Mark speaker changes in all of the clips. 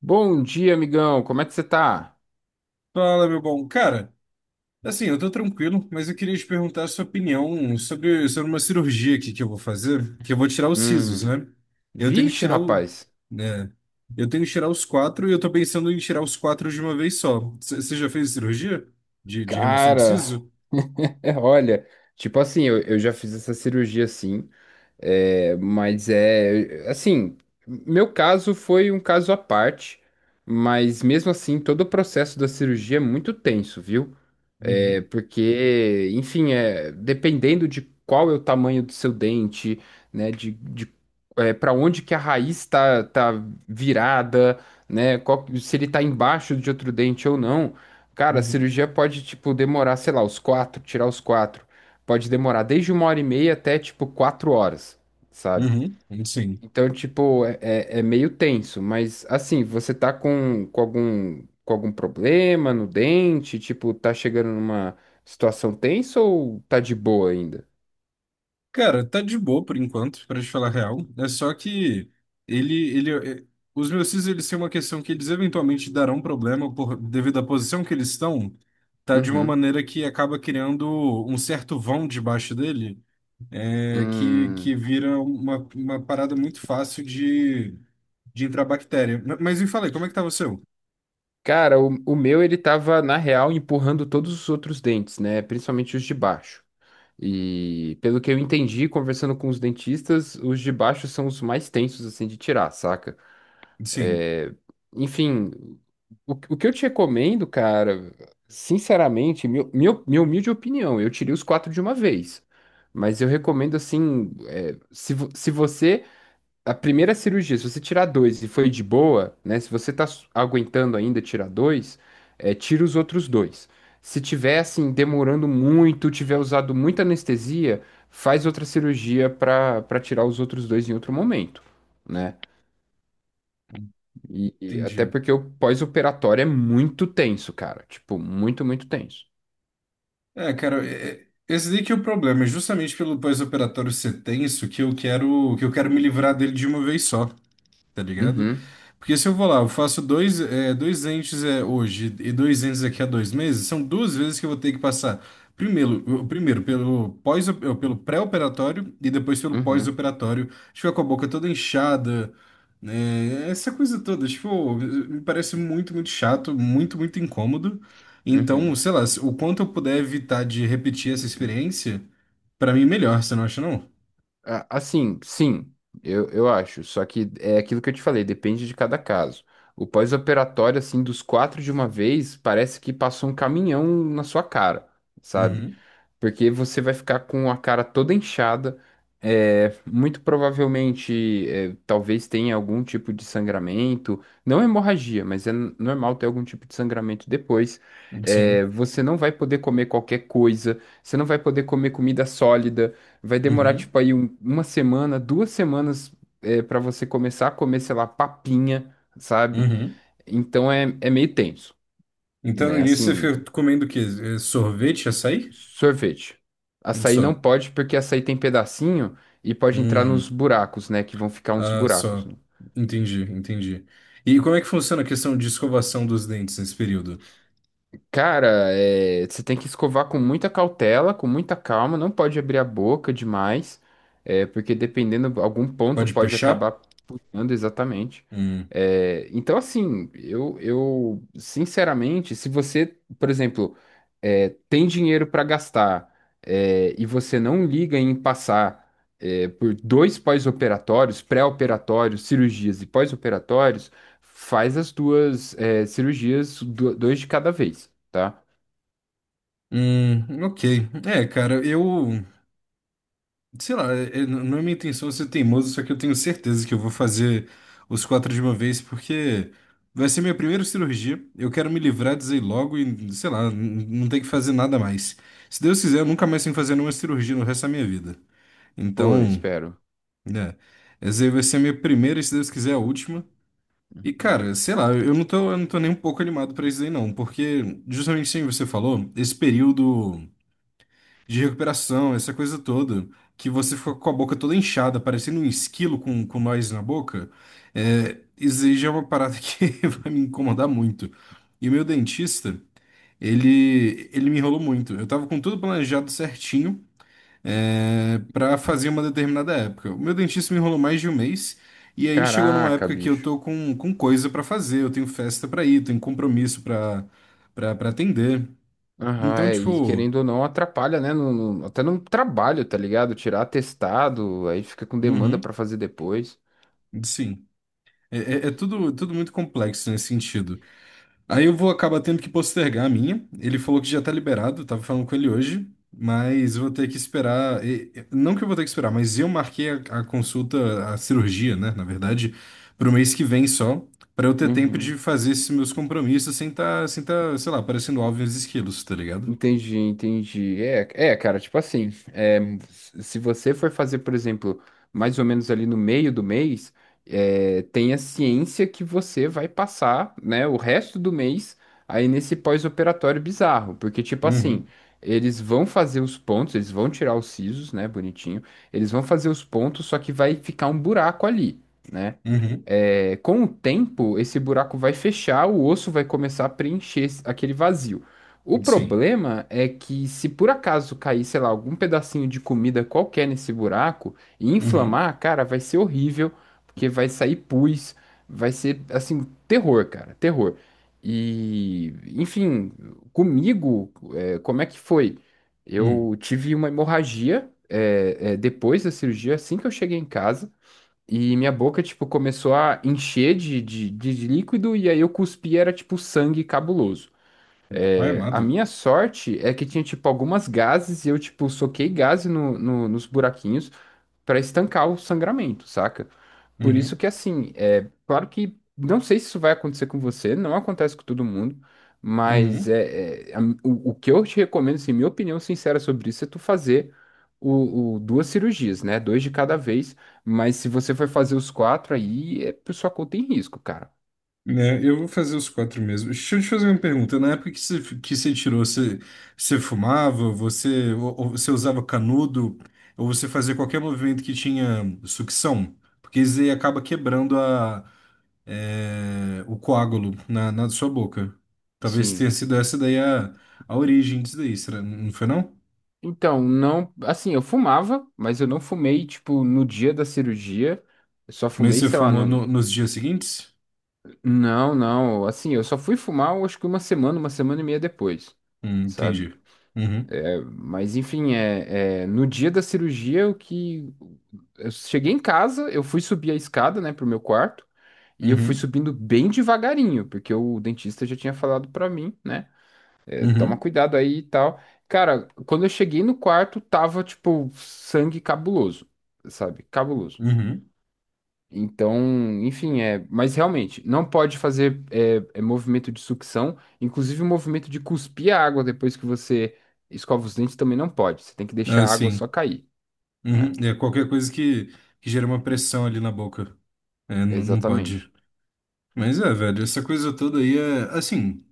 Speaker 1: Bom dia, amigão. Como é que você tá?
Speaker 2: Fala, meu bom. Cara, assim, eu tô tranquilo, mas eu queria te perguntar a sua opinião sobre uma cirurgia aqui que eu vou fazer, que eu vou tirar os sisos,
Speaker 1: Hum.
Speaker 2: né? Eu tenho que
Speaker 1: Vixe,
Speaker 2: tirar o,
Speaker 1: rapaz.
Speaker 2: né? Eu tenho que tirar os quatro e eu tô pensando em tirar os quatro de uma vez só. Você já fez cirurgia de remoção de
Speaker 1: Cara,
Speaker 2: siso?
Speaker 1: olha, tipo assim, eu já fiz essa cirurgia assim, é, mas é assim, meu caso foi um caso à parte, mas mesmo assim, todo o processo da cirurgia é muito tenso, viu? É,
Speaker 2: Uhum,
Speaker 1: porque, enfim, é, dependendo de qual é o tamanho do seu dente, né, de para onde que a raiz está virada, né, se ele está embaixo de outro dente ou não, cara, a
Speaker 2: uhum.
Speaker 1: cirurgia pode, tipo, demorar, sei lá, os quatro, tirar os quatro, pode demorar desde uma hora e meia até, tipo, 4 horas, sabe?
Speaker 2: Uhum, sim.
Speaker 1: Então, tipo, é meio tenso, mas assim, você tá com, com algum problema no dente, tipo, tá chegando numa situação tensa ou tá de boa ainda?
Speaker 2: Cara, tá de boa por enquanto, pra te falar a real. É só que ele, é- os meus cis, eles têm uma questão que eles eventualmente darão problema por devido à posição que eles estão, tá de uma
Speaker 1: Uhum.
Speaker 2: maneira que acaba criando um certo vão debaixo dele, que
Speaker 1: Hum.
Speaker 2: vira uma parada muito fácil de entrar bactéria. Mas me falei, como é que tá o seu?
Speaker 1: Cara, o meu ele tava, na real, empurrando todos os outros dentes, né? Principalmente os de baixo. E pelo que eu entendi, conversando com os dentistas, os de baixo são os mais tensos, assim, de tirar, saca?
Speaker 2: Sim,
Speaker 1: É, enfim, o que eu te recomendo, cara, sinceramente, minha humilde opinião, eu tirei os quatro de uma vez. Mas eu recomendo assim, é, se você. A primeira cirurgia, se você tirar dois e foi de boa, né? Se você tá aguentando ainda tirar dois, é, tira os outros dois. Se tiver assim, demorando muito, tiver usado muita anestesia, faz outra cirurgia para tirar os outros dois em outro momento. Né? E até
Speaker 2: entendi.
Speaker 1: porque o pós-operatório é muito tenso, cara. Tipo, muito, muito tenso.
Speaker 2: É, cara, esse daí que é o problema, é justamente pelo pós-operatório ser tenso que eu quero me livrar dele de uma vez só, tá ligado?
Speaker 1: Uhum,
Speaker 2: Porque se eu vou lá, eu faço dois, é, dois entes é, hoje e dois entes daqui a dois meses, são duas vezes que eu vou ter que passar. Primeiro, primeiro pelo pós, pelo pré-operatório e depois pelo
Speaker 1: uhum,
Speaker 2: pós-operatório. Ficar com a boca toda inchada, né? Essa coisa toda, tipo, me parece muito, muito chato, muito, muito incômodo. Então,
Speaker 1: uhum.
Speaker 2: sei lá, o quanto eu puder evitar de repetir essa experiência, pra mim é melhor, você não acha, não?
Speaker 1: Assim, sim, eu acho. Só que é aquilo que eu te falei, depende de cada caso. O pós-operatório, assim, dos quatro de uma vez, parece que passou um caminhão na sua cara, sabe?
Speaker 2: Uhum,
Speaker 1: Porque você vai ficar com a cara toda inchada, é, muito provavelmente, é, talvez tenha algum tipo de sangramento, não hemorragia, mas é normal ter algum tipo de sangramento depois. É,
Speaker 2: sim.
Speaker 1: você não vai poder comer qualquer coisa, você não vai poder comer comida sólida, vai demorar
Speaker 2: Uhum,
Speaker 1: tipo aí uma semana, 2 semanas, é, para você começar a comer, sei lá, papinha, sabe?
Speaker 2: uhum.
Speaker 1: Então é meio tenso,
Speaker 2: Então, no
Speaker 1: né?
Speaker 2: início, você
Speaker 1: Assim,
Speaker 2: fica comendo o quê? Sorvete, açaí?
Speaker 1: sorvete.
Speaker 2: Um
Speaker 1: Açaí não
Speaker 2: só.
Speaker 1: pode, porque açaí tem pedacinho e pode entrar nos
Speaker 2: Hum,
Speaker 1: buracos, né? Que vão ficar uns
Speaker 2: ah,
Speaker 1: buracos.
Speaker 2: só.
Speaker 1: Né?
Speaker 2: Entendi, entendi. E como é que funciona a questão de escovação dos dentes nesse período?
Speaker 1: Cara, é, você tem que escovar com muita cautela, com muita calma, não pode abrir a boca demais, é, porque dependendo, algum ponto
Speaker 2: Pode
Speaker 1: pode
Speaker 2: puxar?
Speaker 1: acabar puxando exatamente.
Speaker 2: Hum,
Speaker 1: É, então, assim, eu, sinceramente, se você, por exemplo, é, tem dinheiro para gastar, é, e você não liga em passar, é, por dois pós-operatórios, pré-operatórios, cirurgias e pós-operatórios, faz as duas é, cirurgias, dois de cada vez, tá?
Speaker 2: ok. É, cara, eu... Sei lá, não é minha intenção ser teimoso, só que eu tenho certeza que eu vou fazer os quatro de uma vez, porque vai ser minha primeira cirurgia. Eu quero me livrar disso aí logo e, sei lá, não tem que fazer nada mais. Se Deus quiser, eu nunca mais tenho que fazer nenhuma cirurgia no resto da minha vida.
Speaker 1: Pô, eu
Speaker 2: Então,
Speaker 1: espero.
Speaker 2: né, essa aí vai ser a minha primeira, e se Deus quiser, a última. E, cara, sei lá, eu não tô nem um pouco animado pra isso aí, não, porque, justamente assim você falou, esse período de recuperação, essa coisa toda, que você fica com a boca toda inchada, parecendo um esquilo com nós na boca, é, isso aí já é uma parada que vai me incomodar muito. E o meu dentista, ele me enrolou muito. Eu tava com tudo planejado certinho para fazer uma determinada época. O meu dentista me enrolou mais de um mês, e aí chegou numa
Speaker 1: Caraca,
Speaker 2: época que eu
Speaker 1: bicho.
Speaker 2: tô com coisa pra fazer, eu tenho festa pra ir, tenho compromisso pra para atender.
Speaker 1: Aham,
Speaker 2: Então,
Speaker 1: é, e
Speaker 2: tipo,
Speaker 1: querendo ou não, atrapalha, né? Até no trabalho, tá ligado? Tirar atestado, aí fica com demanda
Speaker 2: uhum,
Speaker 1: pra fazer depois.
Speaker 2: sim. É, é tudo, tudo muito complexo nesse sentido. Aí eu vou acabar tendo que postergar a minha. Ele falou que já tá liberado, eu tava falando com ele hoje, mas eu vou ter que esperar. Não que eu vou ter que esperar, mas eu marquei a consulta, a cirurgia, né, na verdade, pro mês que vem só, pra eu ter tempo de
Speaker 1: Uhum.
Speaker 2: fazer esses meus compromissos sem tá, sem tá, sei lá, parecendo alvo e os esquilos, tá ligado?
Speaker 1: Entendi, entendi. É, cara, tipo assim, é, se você for fazer, por exemplo, mais ou menos ali no meio do mês, é, tenha ciência que você vai passar, né, o resto do mês aí nesse pós-operatório bizarro, porque, tipo assim,
Speaker 2: Uhum,
Speaker 1: eles vão fazer os pontos, eles vão tirar os sisos, né, bonitinho, eles vão fazer os pontos, só que vai ficar um buraco ali. Né?
Speaker 2: uhum,
Speaker 1: É, com o tempo, esse buraco vai fechar, o osso vai começar a preencher aquele vazio. O
Speaker 2: sim.
Speaker 1: problema é que, se por acaso cair, sei lá, algum pedacinho de comida qualquer nesse buraco e
Speaker 2: Uhum,
Speaker 1: inflamar, cara, vai ser horrível, porque vai sair pus, vai ser, assim, terror, cara, terror. E, enfim, comigo, é, como é que foi?
Speaker 2: uhum.
Speaker 1: Eu tive uma hemorragia, é, depois da cirurgia, assim que eu cheguei em casa. E minha boca, tipo, começou a encher de líquido e aí eu cuspi, era tipo sangue cabuloso.
Speaker 2: Ai,
Speaker 1: É, a
Speaker 2: amado.
Speaker 1: minha sorte é que tinha, tipo, algumas gases e eu, tipo, soquei gás nos buraquinhos pra estancar o sangramento, saca? Por isso
Speaker 2: Uhum,
Speaker 1: que, assim, é claro que não sei se isso vai acontecer com você, não acontece com todo mundo, mas
Speaker 2: uhum.
Speaker 1: o que eu te recomendo, assim, minha opinião sincera sobre isso é tu fazer duas cirurgias, né? Dois de cada vez, mas se você for fazer os quatro aí, é por sua conta em risco, cara.
Speaker 2: Né, eu vou fazer os quatro mesmo. Deixa eu te fazer uma pergunta. Na época que você tirou, você, você fumava, você, ou você usava canudo, ou você fazia qualquer movimento que tinha sucção? Porque isso aí acaba quebrando o coágulo na sua boca. Talvez tenha
Speaker 1: Sim.
Speaker 2: sido essa daí a origem disso daí, será? Não foi não?
Speaker 1: Então, não, assim, eu fumava, mas eu não fumei, tipo, no dia da cirurgia, eu só
Speaker 2: Mas
Speaker 1: fumei,
Speaker 2: você
Speaker 1: sei lá,
Speaker 2: fumou
Speaker 1: no.
Speaker 2: nos dias seguintes?
Speaker 1: Não, não. Assim, eu só fui fumar, eu acho que uma semana e meia depois, sabe?
Speaker 2: Entendi. Uhum,
Speaker 1: É, mas enfim, é, no dia da cirurgia, o que eu cheguei em casa, eu fui subir a escada, né, pro meu quarto, e eu fui
Speaker 2: uhum,
Speaker 1: subindo bem devagarinho, porque o dentista já tinha falado pra mim, né, toma
Speaker 2: uhum,
Speaker 1: cuidado aí e tal. Cara, quando eu cheguei no quarto, tava tipo sangue cabuloso, sabe? Cabuloso.
Speaker 2: uhum.
Speaker 1: Então, enfim, é. Mas realmente, não pode fazer é, movimento de sucção, inclusive o movimento de cuspir a água depois que você escova os dentes também não pode. Você tem que
Speaker 2: Ah,
Speaker 1: deixar a água só
Speaker 2: sim.
Speaker 1: cair,
Speaker 2: Uhum,
Speaker 1: né?
Speaker 2: é qualquer coisa que gera uma pressão ali na boca. É, não
Speaker 1: Exatamente.
Speaker 2: pode. Mas é, velho, essa coisa toda aí é. Assim,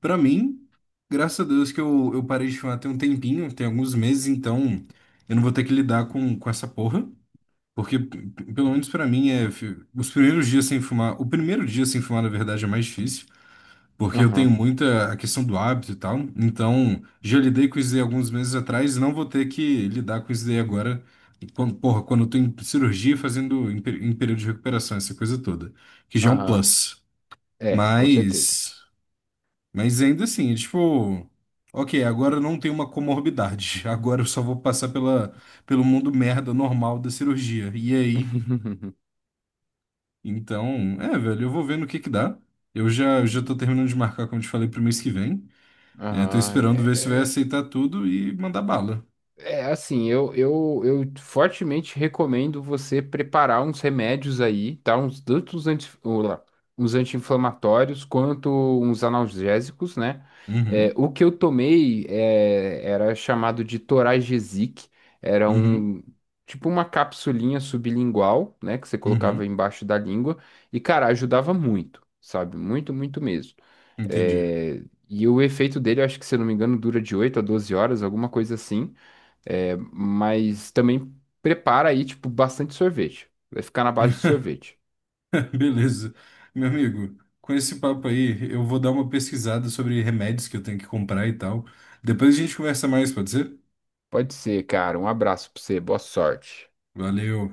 Speaker 2: pra mim, graças a Deus que eu parei de fumar tem um tempinho, tem alguns meses, então eu não vou ter que lidar com essa porra. Porque, pelo menos pra mim, é. Os primeiros dias sem fumar. O primeiro dia sem fumar, na verdade, é mais difícil. Porque eu tenho
Speaker 1: Aham,
Speaker 2: muita a questão do hábito e tal. Então, já lidei com isso daí alguns meses atrás e não vou ter que lidar com isso daí agora. Quando, porra, quando eu tô em cirurgia fazendo em, em período de recuperação, essa coisa toda. Que já é um
Speaker 1: aham.
Speaker 2: plus.
Speaker 1: É, com certeza.
Speaker 2: Mas, mas ainda assim, é tipo, ok, agora eu não tenho uma comorbidade. Agora eu só vou passar pela, pelo mundo merda normal da cirurgia. E aí? Então, é, velho, eu vou vendo o que que dá. Eu já, já tô
Speaker 1: Hum.
Speaker 2: terminando de marcar, como eu te falei, pro mês que vem. É, tô
Speaker 1: Aham.
Speaker 2: esperando ver se vai aceitar tudo e mandar bala.
Speaker 1: É assim, eu fortemente recomendo você preparar uns remédios aí, tá? Uns, tanto os anti, ô, lá, uns anti-inflamatórios quanto uns analgésicos, né? É,
Speaker 2: Uhum,
Speaker 1: o que eu tomei era chamado de Toragesic, era
Speaker 2: uhum,
Speaker 1: um tipo uma capsulinha sublingual, né? Que você colocava
Speaker 2: uhum,
Speaker 1: embaixo da língua, e cara, ajudava muito, sabe? Muito, muito mesmo.
Speaker 2: entendi.
Speaker 1: É, e o efeito dele, eu acho que se eu não me engano, dura de 8 a 12 horas, alguma coisa assim. É, mas também prepara aí, tipo, bastante sorvete. Vai ficar na base de sorvete.
Speaker 2: Beleza. Meu amigo, com esse papo aí, eu vou dar uma pesquisada sobre remédios que eu tenho que comprar e tal. Depois a gente conversa mais, pode ser?
Speaker 1: Pode ser, cara. Um abraço pra você. Boa sorte.
Speaker 2: Valeu.